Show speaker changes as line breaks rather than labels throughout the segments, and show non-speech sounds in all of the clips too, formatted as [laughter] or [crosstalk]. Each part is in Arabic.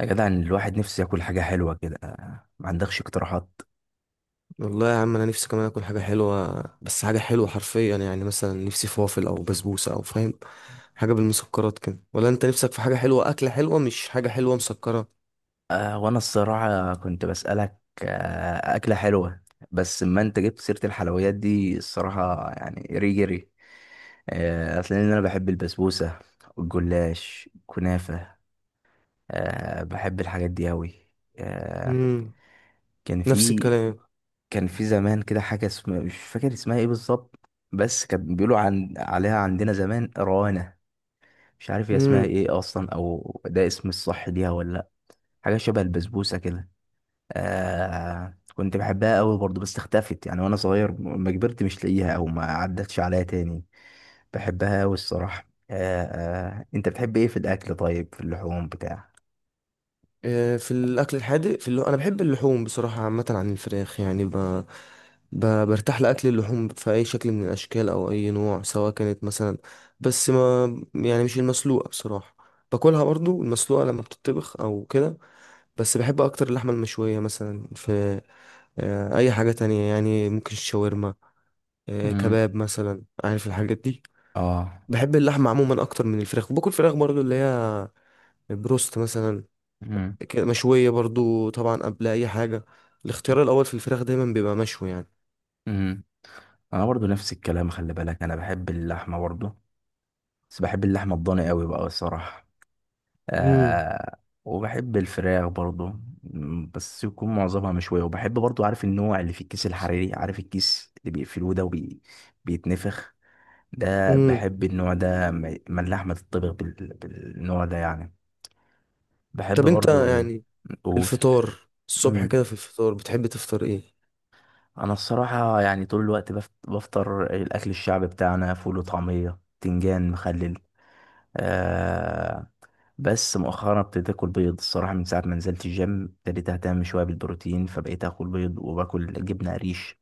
يا جدع، الواحد نفسه ياكل حاجة حلوة كده. ما عندكش اقتراحات؟
والله يا عم، انا نفسي كمان اكل حاجه حلوه. بس حاجه حلوه حرفيا، يعني مثلا نفسي فوافل او بسبوسه او فاهم، حاجه بالمسكرات كده. ولا انت نفسك في حاجه حلوه، اكله حلوه مش حاجه حلوه مسكره؟
آه، وانا الصراحة كنت بسألك أكلة حلوة. بس ما انت جبت سيرة الحلويات دي الصراحة، يعني ريجري ري. آه، أصل انا بحب البسبوسة، الجلاش، كنافة. آه، بحب الحاجات دي أوي. آه،
امم.
كان
نفس
في
الكلام.
كان في زمان كده حاجة، اسمها مش فاكر اسمها ايه بالظبط. بس كانت بيقولوا عليها عندنا زمان روانة. مش عارف هي اسمها
امم.
ايه اصلا، او ده اسم الصح ليها ولا. حاجة شبه البسبوسة كده. آه، كنت بحبها قوي برضو، بس اختفت يعني وانا صغير، ما كبرت مش لاقيها او ما عدتش عليها تاني. بحبها قوي الصراحة، آه. آه، انت بتحب ايه في الاكل؟ طيب، في اللحوم بتاع؟
في الاكل الحادق، انا بحب اللحوم بصراحه عامه عن الفراخ. يعني برتاح لاكل اللحوم في اي شكل من الاشكال او اي نوع، سواء كانت مثلا، بس ما يعني مش المسلوقه بصراحه. باكلها برضو المسلوقه لما بتطبخ او كده، بس بحب اكتر اللحمه المشويه مثلا. في اي حاجه تانية يعني، ممكن الشاورما،
امم.
كباب مثلا، عارف الحاجات دي.
اه.
بحب اللحمه عموما اكتر من الفراخ. وباكل فراخ برضو، اللي هي بروست مثلا،
امم.
كده مشويه برضو. طبعا قبل اي حاجه، الاختيار الاول في الفراخ دايما بيبقى مشوي يعني.
امم. انا برضو نفس الكلام. خلي بالك، انا بحب اللحمة برضو. بس بحب اللحمة الضاني قوي بقى الصراحة،
امم.
آه. وبحب الفراخ برضو. بس يكون معظمها مشوية، وبحب برضو، عارف النوع اللي في الكيس الحريري، عارف الكيس اللي بيقفلوه ده وبيتنفخ. ده
امم.
بحب النوع ده، ما اللحمة تطبخ بالنوع ده يعني. بحب
طب انت
برضو.
يعني
قول.
الفطار الصبح
مم.
كده، في الفطار بتحب تفطر ايه؟
انا الصراحة يعني طول الوقت بفطر الاكل الشعبي بتاعنا، فول وطعمية تنجان مخلل. آه، بس مؤخرا ابتديت اكل بيض الصراحه. من ساعه ما نزلت الجيم ابتديت اهتم شويه بالبروتين، فبقيت اكل بيض وباكل جبنه قريش.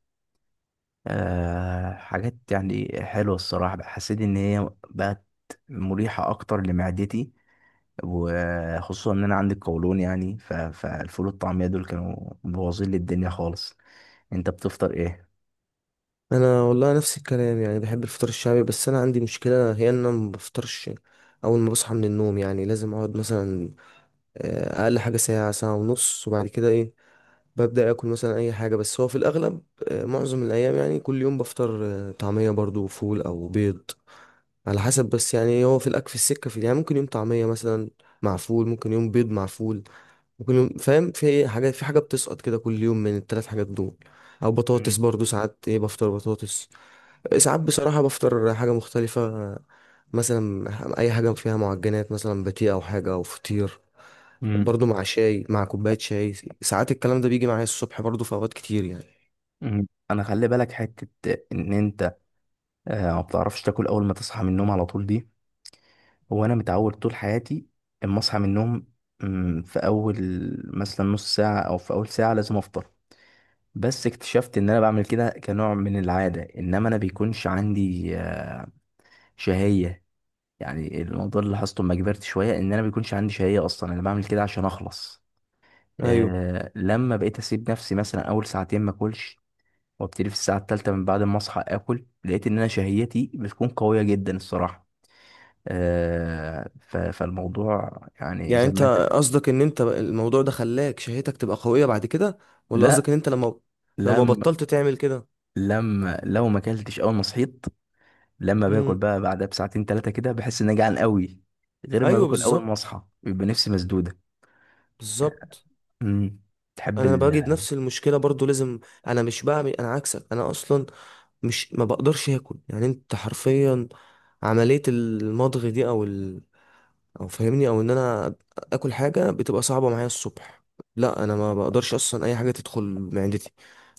آه، حاجات يعني حلوه الصراحه، حسيت ان هي بقت مريحه اكتر لمعدتي. وخصوصا ان انا عندي القولون، يعني فالفول والطعميه دول كانوا مبوظين لي الدنيا خالص. انت بتفطر ايه؟
انا والله نفس الكلام، يعني بحب الفطار الشعبي. بس انا عندي مشكله، هي ان انا ما بفطرش اول ما بصحى من النوم. يعني لازم اقعد مثلا، اقل حاجه ساعه، 1.5 ساعه، وبعد كده ايه، ببدا اكل مثلا اي حاجه. بس هو في الاغلب، معظم الايام يعني، كل يوم بفطر طعميه برضو وفول او بيض، على حسب. بس يعني هو في الاكل في السكه، في يعني ممكن يوم طعميه مثلا مع فول، ممكن يوم بيض مع فول، ممكن يوم فاهم في إيه، حاجه، في حاجه بتسقط كده كل يوم من 3 حاجات دول. او بطاطس
مم.
برضو، ساعات ايه، بفطر بطاطس. ساعات بصراحة بفطر حاجة مختلفة، مثلا أي حاجة فيها معجنات، مثلا باتيه أو حاجة أو فطير،
مم.
برضو مع شاي، مع كوباية شاي. ساعات الكلام ده بيجي معايا الصبح برضو في أوقات كتير يعني.
مم. انا خلي بالك حته ان انت ما بتعرفش تاكل اول ما تصحى من النوم على طول دي. هو انا متعود طول حياتي، اما اصحى من النوم، في اول مثلا نص ساعه او في اول ساعه لازم افطر. بس اكتشفت ان انا بعمل كده كنوع من العاده، انما انا بيكونش عندي شهيه. يعني الموضوع اللي لاحظته لما كبرت شويه، ان انا بيكونش عندي شهيه اصلا، انا بعمل كده عشان اخلص.
أيوه.
لما بقيت اسيب نفسي مثلا اول ساعتين ما اكلش، وابتدي في الساعه الثالثه من بعد ما اصحى اكل، لقيت ان انا شهيتي بتكون قويه جدا الصراحه. فالموضوع يعني
يعني
زي
أنت
ما انت.
قصدك إن أنت الموضوع ده خلاك شهيتك تبقى قوية بعد كده؟ ولا
لا.
قصدك إن أنت لما
لما
بطلت تعمل كده؟
لما لو ما اكلتش اول ما صحيت، لما باكل
امم.
بقى بعدها بساعتين ثلاثه كده، بحس اني جعان قوي. غير ما
أيوه،
باكل اول ما
بالظبط،
اصحى، بيبقى نفسي مسدوده.
بالظبط.
امم. تحب
أنا
ال.
بجد نفس المشكلة برضو. لازم أنا عكسك. أنا أصلا مش ما بقدرش اكل يعني. انت حرفيا عملية المضغ دي او ال... او فاهمني او ان انا اكل حاجة بتبقى صعبة معايا الصبح. لا، انا ما بقدرش اصلا اي حاجة تدخل معدتي.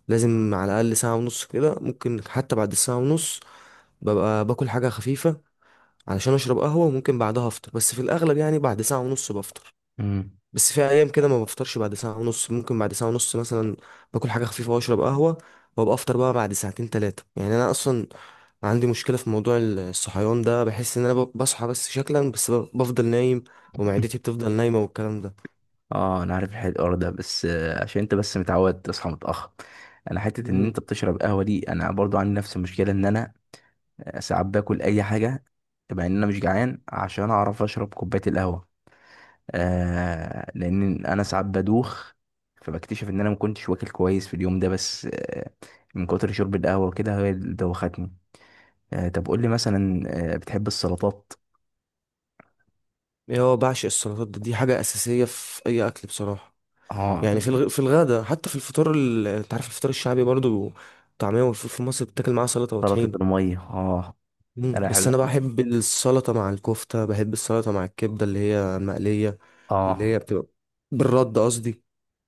لازم على الاقل 1.5 ساعة كده، ممكن حتى بعد الساعة ونص ببقى باكل حاجة خفيفة علشان اشرب قهوة، وممكن بعدها افطر. بس في الاغلب يعني بعد 1.5 ساعة بفطر.
امم.
بس في ايام كده ما بفطرش بعد 1.5 ساعه، ممكن بعد 1.5 ساعه مثلا باكل حاجه خفيفه واشرب قهوه، وابقى افطر بقى بعد 2 3 ساعات. يعني انا اصلا عندي مشكله في موضوع الصحيان ده. بحس ان انا بصحى بس شكلا، بس بفضل نايم، ومعدتي بتفضل نايمه، والكلام ده.
اه، انا عارف الحوار ده، بس عشان انت بس متعود تصحى متاخر. انا حته ان
مم.
انت بتشرب قهوه دي، انا برضو عندي نفس المشكله. ان انا ساعات باكل اي حاجه، مع ان انا مش جعان، عشان اعرف اشرب كوبايه القهوه. آه، لان انا ساعات بدوخ. فبكتشف ان انا ما كنتش واكل كويس في اليوم ده، بس آه. من كتر شرب القهوه وكده، هي اللي دوختني. آه، طب قول لي مثلا، بتحب السلطات؟
إيه، هو بعشق السلطات ده. دي حاجه اساسيه في اي اكل بصراحه.
اه.
يعني في في الغدا، حتى في الفطار انت عارف الفطار الشعبي برضو طعميه والفول، في مصر بتاكل معاه سلطه
سلطه
وطحين.
الميه. اه،
مم.
انا
بس
بحب.
انا بحب السلطه مع الكفته، بحب السلطه مع الكبده اللي هي المقليه، اللي
اه.
هي بتبقى بالرد قصدي.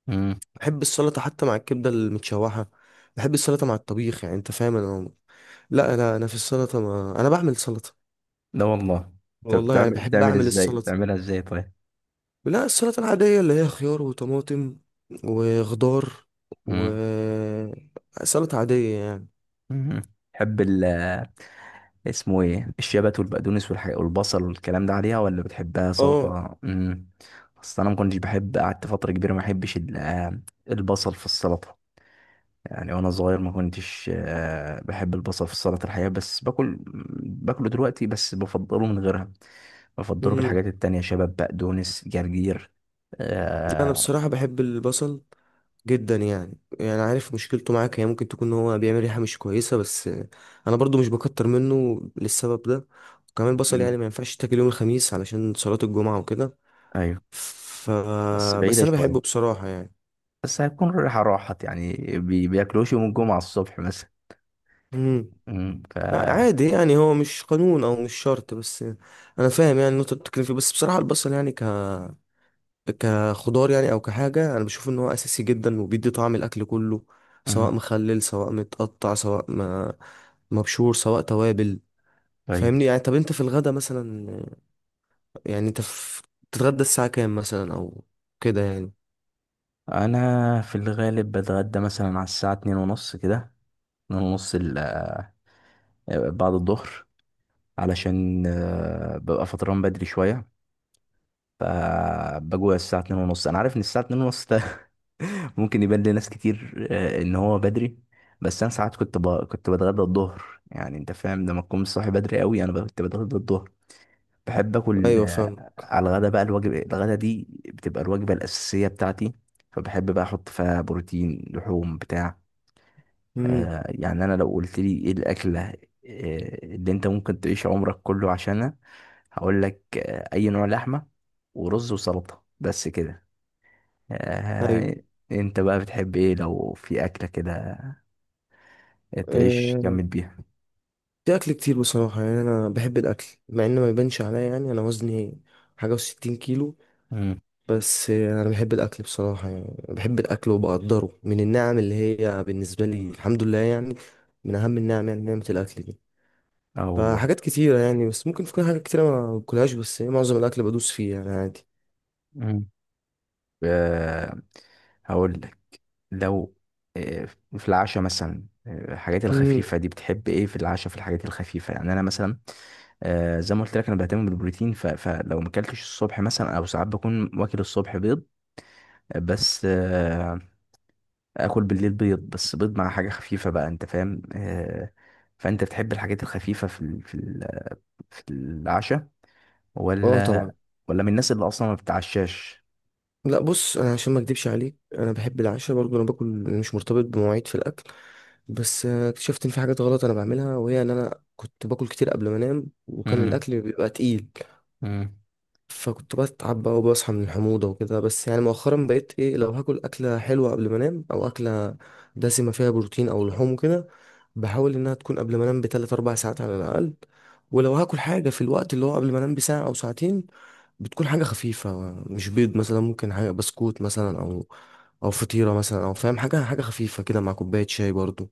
امم.
بحب السلطه حتى مع الكبده المتشوحه، بحب السلطه مع الطبيخ. يعني انت فاهم انا، لا انا انا في السلطه ما... انا بعمل سلطه
لا والله. طب،
والله. يعني
بتعمل
بحب
بتعمل
اعمل
ازاي؟
السلطه.
بتعملها ازاي طيب؟
لا، السلطه العاديه اللي هي خيار وطماطم وخضار،
امم.
وسلطه عاديه يعني.
تحب ال. اسمه ايه، الشبت والبقدونس والحاجة والبصل والكلام ده عليها؟ ولا بتحبها
اه.
سلطة؟ امم. اصل انا ما كنتش بحب، قعدت فترة كبيرة ما بحبش البصل في السلطة. يعني وانا صغير ما كنتش بحب البصل في السلطة الحقيقة، بس باكل. باكله دلوقتي، بس بفضله من غيرها. بفضله
مم.
بالحاجات التانية، شبت بقدونس جرجير،
انا بصراحه
آه،
بحب البصل جدا. يعني عارف مشكلته معاك، هي ممكن تكون ان هو بيعمل ريحه مش كويسه، بس انا برضو مش بكتر منه للسبب ده. وكمان البصل
مم.
يعني ما ينفعش تاكل يوم الخميس علشان صلاه الجمعه وكده.
ايوه،
ف،
بس بعيدة
بس انا
شوية.
بحبه بصراحه يعني.
بس هتكون ريحة راحت يعني. بياكلوش يوم الجمعة الصبح مثلا.
امم.
مم.
عادي يعني، هو مش قانون او مش شرط. بس انا فاهم يعني النقطه اللي بتتكلم فيه. بس بصراحه البصل يعني كخضار يعني او كحاجه، انا بشوف ان هو اساسي جدا وبيدي طعم الاكل كله، سواء
مم.
مخلل، سواء متقطع، سواء ما مبشور، سواء توابل.
طيب.
فاهمني يعني. طب انت في الغدا مثلا، يعني انت بتتغدى الساعه كام مثلا او كده يعني؟
انا في الغالب بتغدى مثلا على الساعه 2:30 كده، 2:30 بعد الظهر، علشان ببقى فطران بدري شويه. فبجوع الساعه 2:30. انا عارف ان الساعه 2:30 ده [laughs] ممكن يبان لناس كتير ان هو بدري. بس انا ساعات كنت بتغدى الظهر، يعني انت فاهم لما تكون صاحي بدري قوي، انا كنت بتغدى الظهر. بحب اكل،
ايوه، فاهم.
على الغدا بقى، الوجبه الغدا دي بتبقى الوجبه الاساسيه بتاعتي. فبحب بقى احط فيها بروتين، لحوم بتاع،
امم.
يعني انا لو قلت لي ايه الاكله، اللي انت ممكن تعيش عمرك كله عشانها، هقول لك اي نوع لحمه، ورز وسلطه، بس كده.
ايوه.
آه، انت بقى بتحب ايه لو في اكله كده تعيش
آه،
جامد بيها؟
في اكل كتير بصراحه. يعني انا بحب الاكل، مع ان ما يبانش عليا. يعني انا وزني حاجه وستين كيلو،
امم.
بس انا بحب الاكل بصراحه. يعني بحب الاكل وبقدره من النعم، اللي هي بالنسبه لي الحمد لله يعني، من اهم النعم، يعني نعمه الاكل دي.
اه والله.
فحاجات كتيره يعني، بس ممكن تكون حاجات كتيره ما باكلهاش، بس معظم الاكل بدوس فيه يعني، عادي.
امم. آه، هقول لك، لو آه، في العشاء مثلا، الحاجات
امم.
الخفيفة دي بتحب ايه في العشاء، في الحاجات الخفيفة، يعني انا مثلا، آه، زي ما قلت لك انا بهتم بالبروتين، فلو ما اكلتش الصبح مثلا، او ساعات بكون واكل الصبح بيض، بس اكل بالليل بيض، بس بيض مع حاجه خفيفه بقى، انت فاهم، آه. فانت بتحب الحاجات الخفيفه في العشاء،
اه
ولا
طبعا.
ولا من الناس اللي اصلا ما بتتعشاش؟
لا بص، انا عشان ما اكدبش عليك، انا بحب العشاء برضو. انا باكل مش مرتبط بمواعيد في الاكل. بس اكتشفت ان في حاجات غلط انا بعملها، وهي ان انا كنت باكل كتير قبل ما انام وكان
امم.
الاكل بيبقى تقيل،
امم.
فكنت بتعب بقى وبصحى من الحموضة وكده. بس يعني مؤخرا بقيت ايه، لو هاكل أكلة حلوة قبل ما انام، أو أكلة دسمة فيها بروتين أو لحوم وكده، بحاول إنها تكون قبل ما انام بـ 3 4 ساعات على الأقل. ولو هاكل حاجة في الوقت اللي هو قبل ما انام بـ 1 أو 2 ساعة، بتكون حاجة خفيفة، مش بيض مثلا، ممكن حاجة بسكوت مثلا، أو أو فطيرة مثلا، أو فاهم حاجة، حاجة خفيفة كده مع كوباية شاي برضو.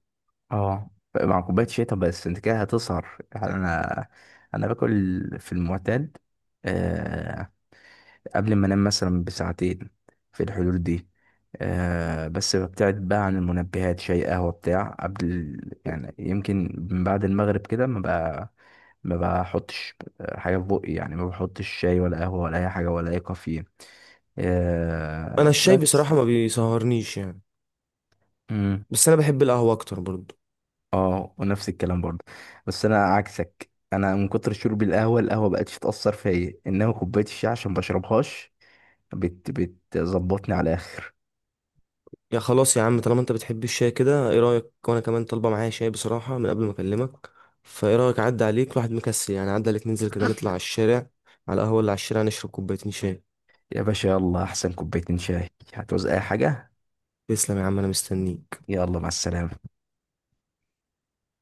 اه، مع كوبايه شاي. طب بس انت كده هتسهر، يعني انا باكل، في المعتاد آه، قبل ما انام مثلا بساعتين، في الحدود دي. آه، بس ببتعد بقى عن المنبهات، شاي قهوة بتاع، يعني يمكن من بعد المغرب كده، ما بقى ما بحطش حاجة في بقي، يعني ما بحطش شاي ولا قهوة ولا أي حاجة ولا أي كافيين،
أنا
آه
الشاي
بس.
بصراحة ما بيسهرنيش يعني،
مم.
بس أنا بحب القهوة أكتر برضو.
اه، ونفس الكلام برضه. بس أنا عكسك، أنا من كتر شرب القهوة، القهوة بقتش تأثر فيا، إنما كوباية الشاي عشان بشربهاش، بتظبطني على الآخر.
يا خلاص يا عم، طالما انت بتحب الشاي كده، ايه رأيك؟ وانا كمان طالبة معايا شاي بصراحة من قبل ما اكلمك. فايه رأيك، عدى عليك الواحد مكسل يعني، عدى عليك ننزل كده نطلع على الشارع، على القهوة اللي على الشارع، نشرب 2 كوباية شاي؟
يا باشا، يلا احسن كوبايتين شاي. هتعوز اي حاجة؟
تسلم يا عم، انا مستنيك.
يلا، مع السلامة.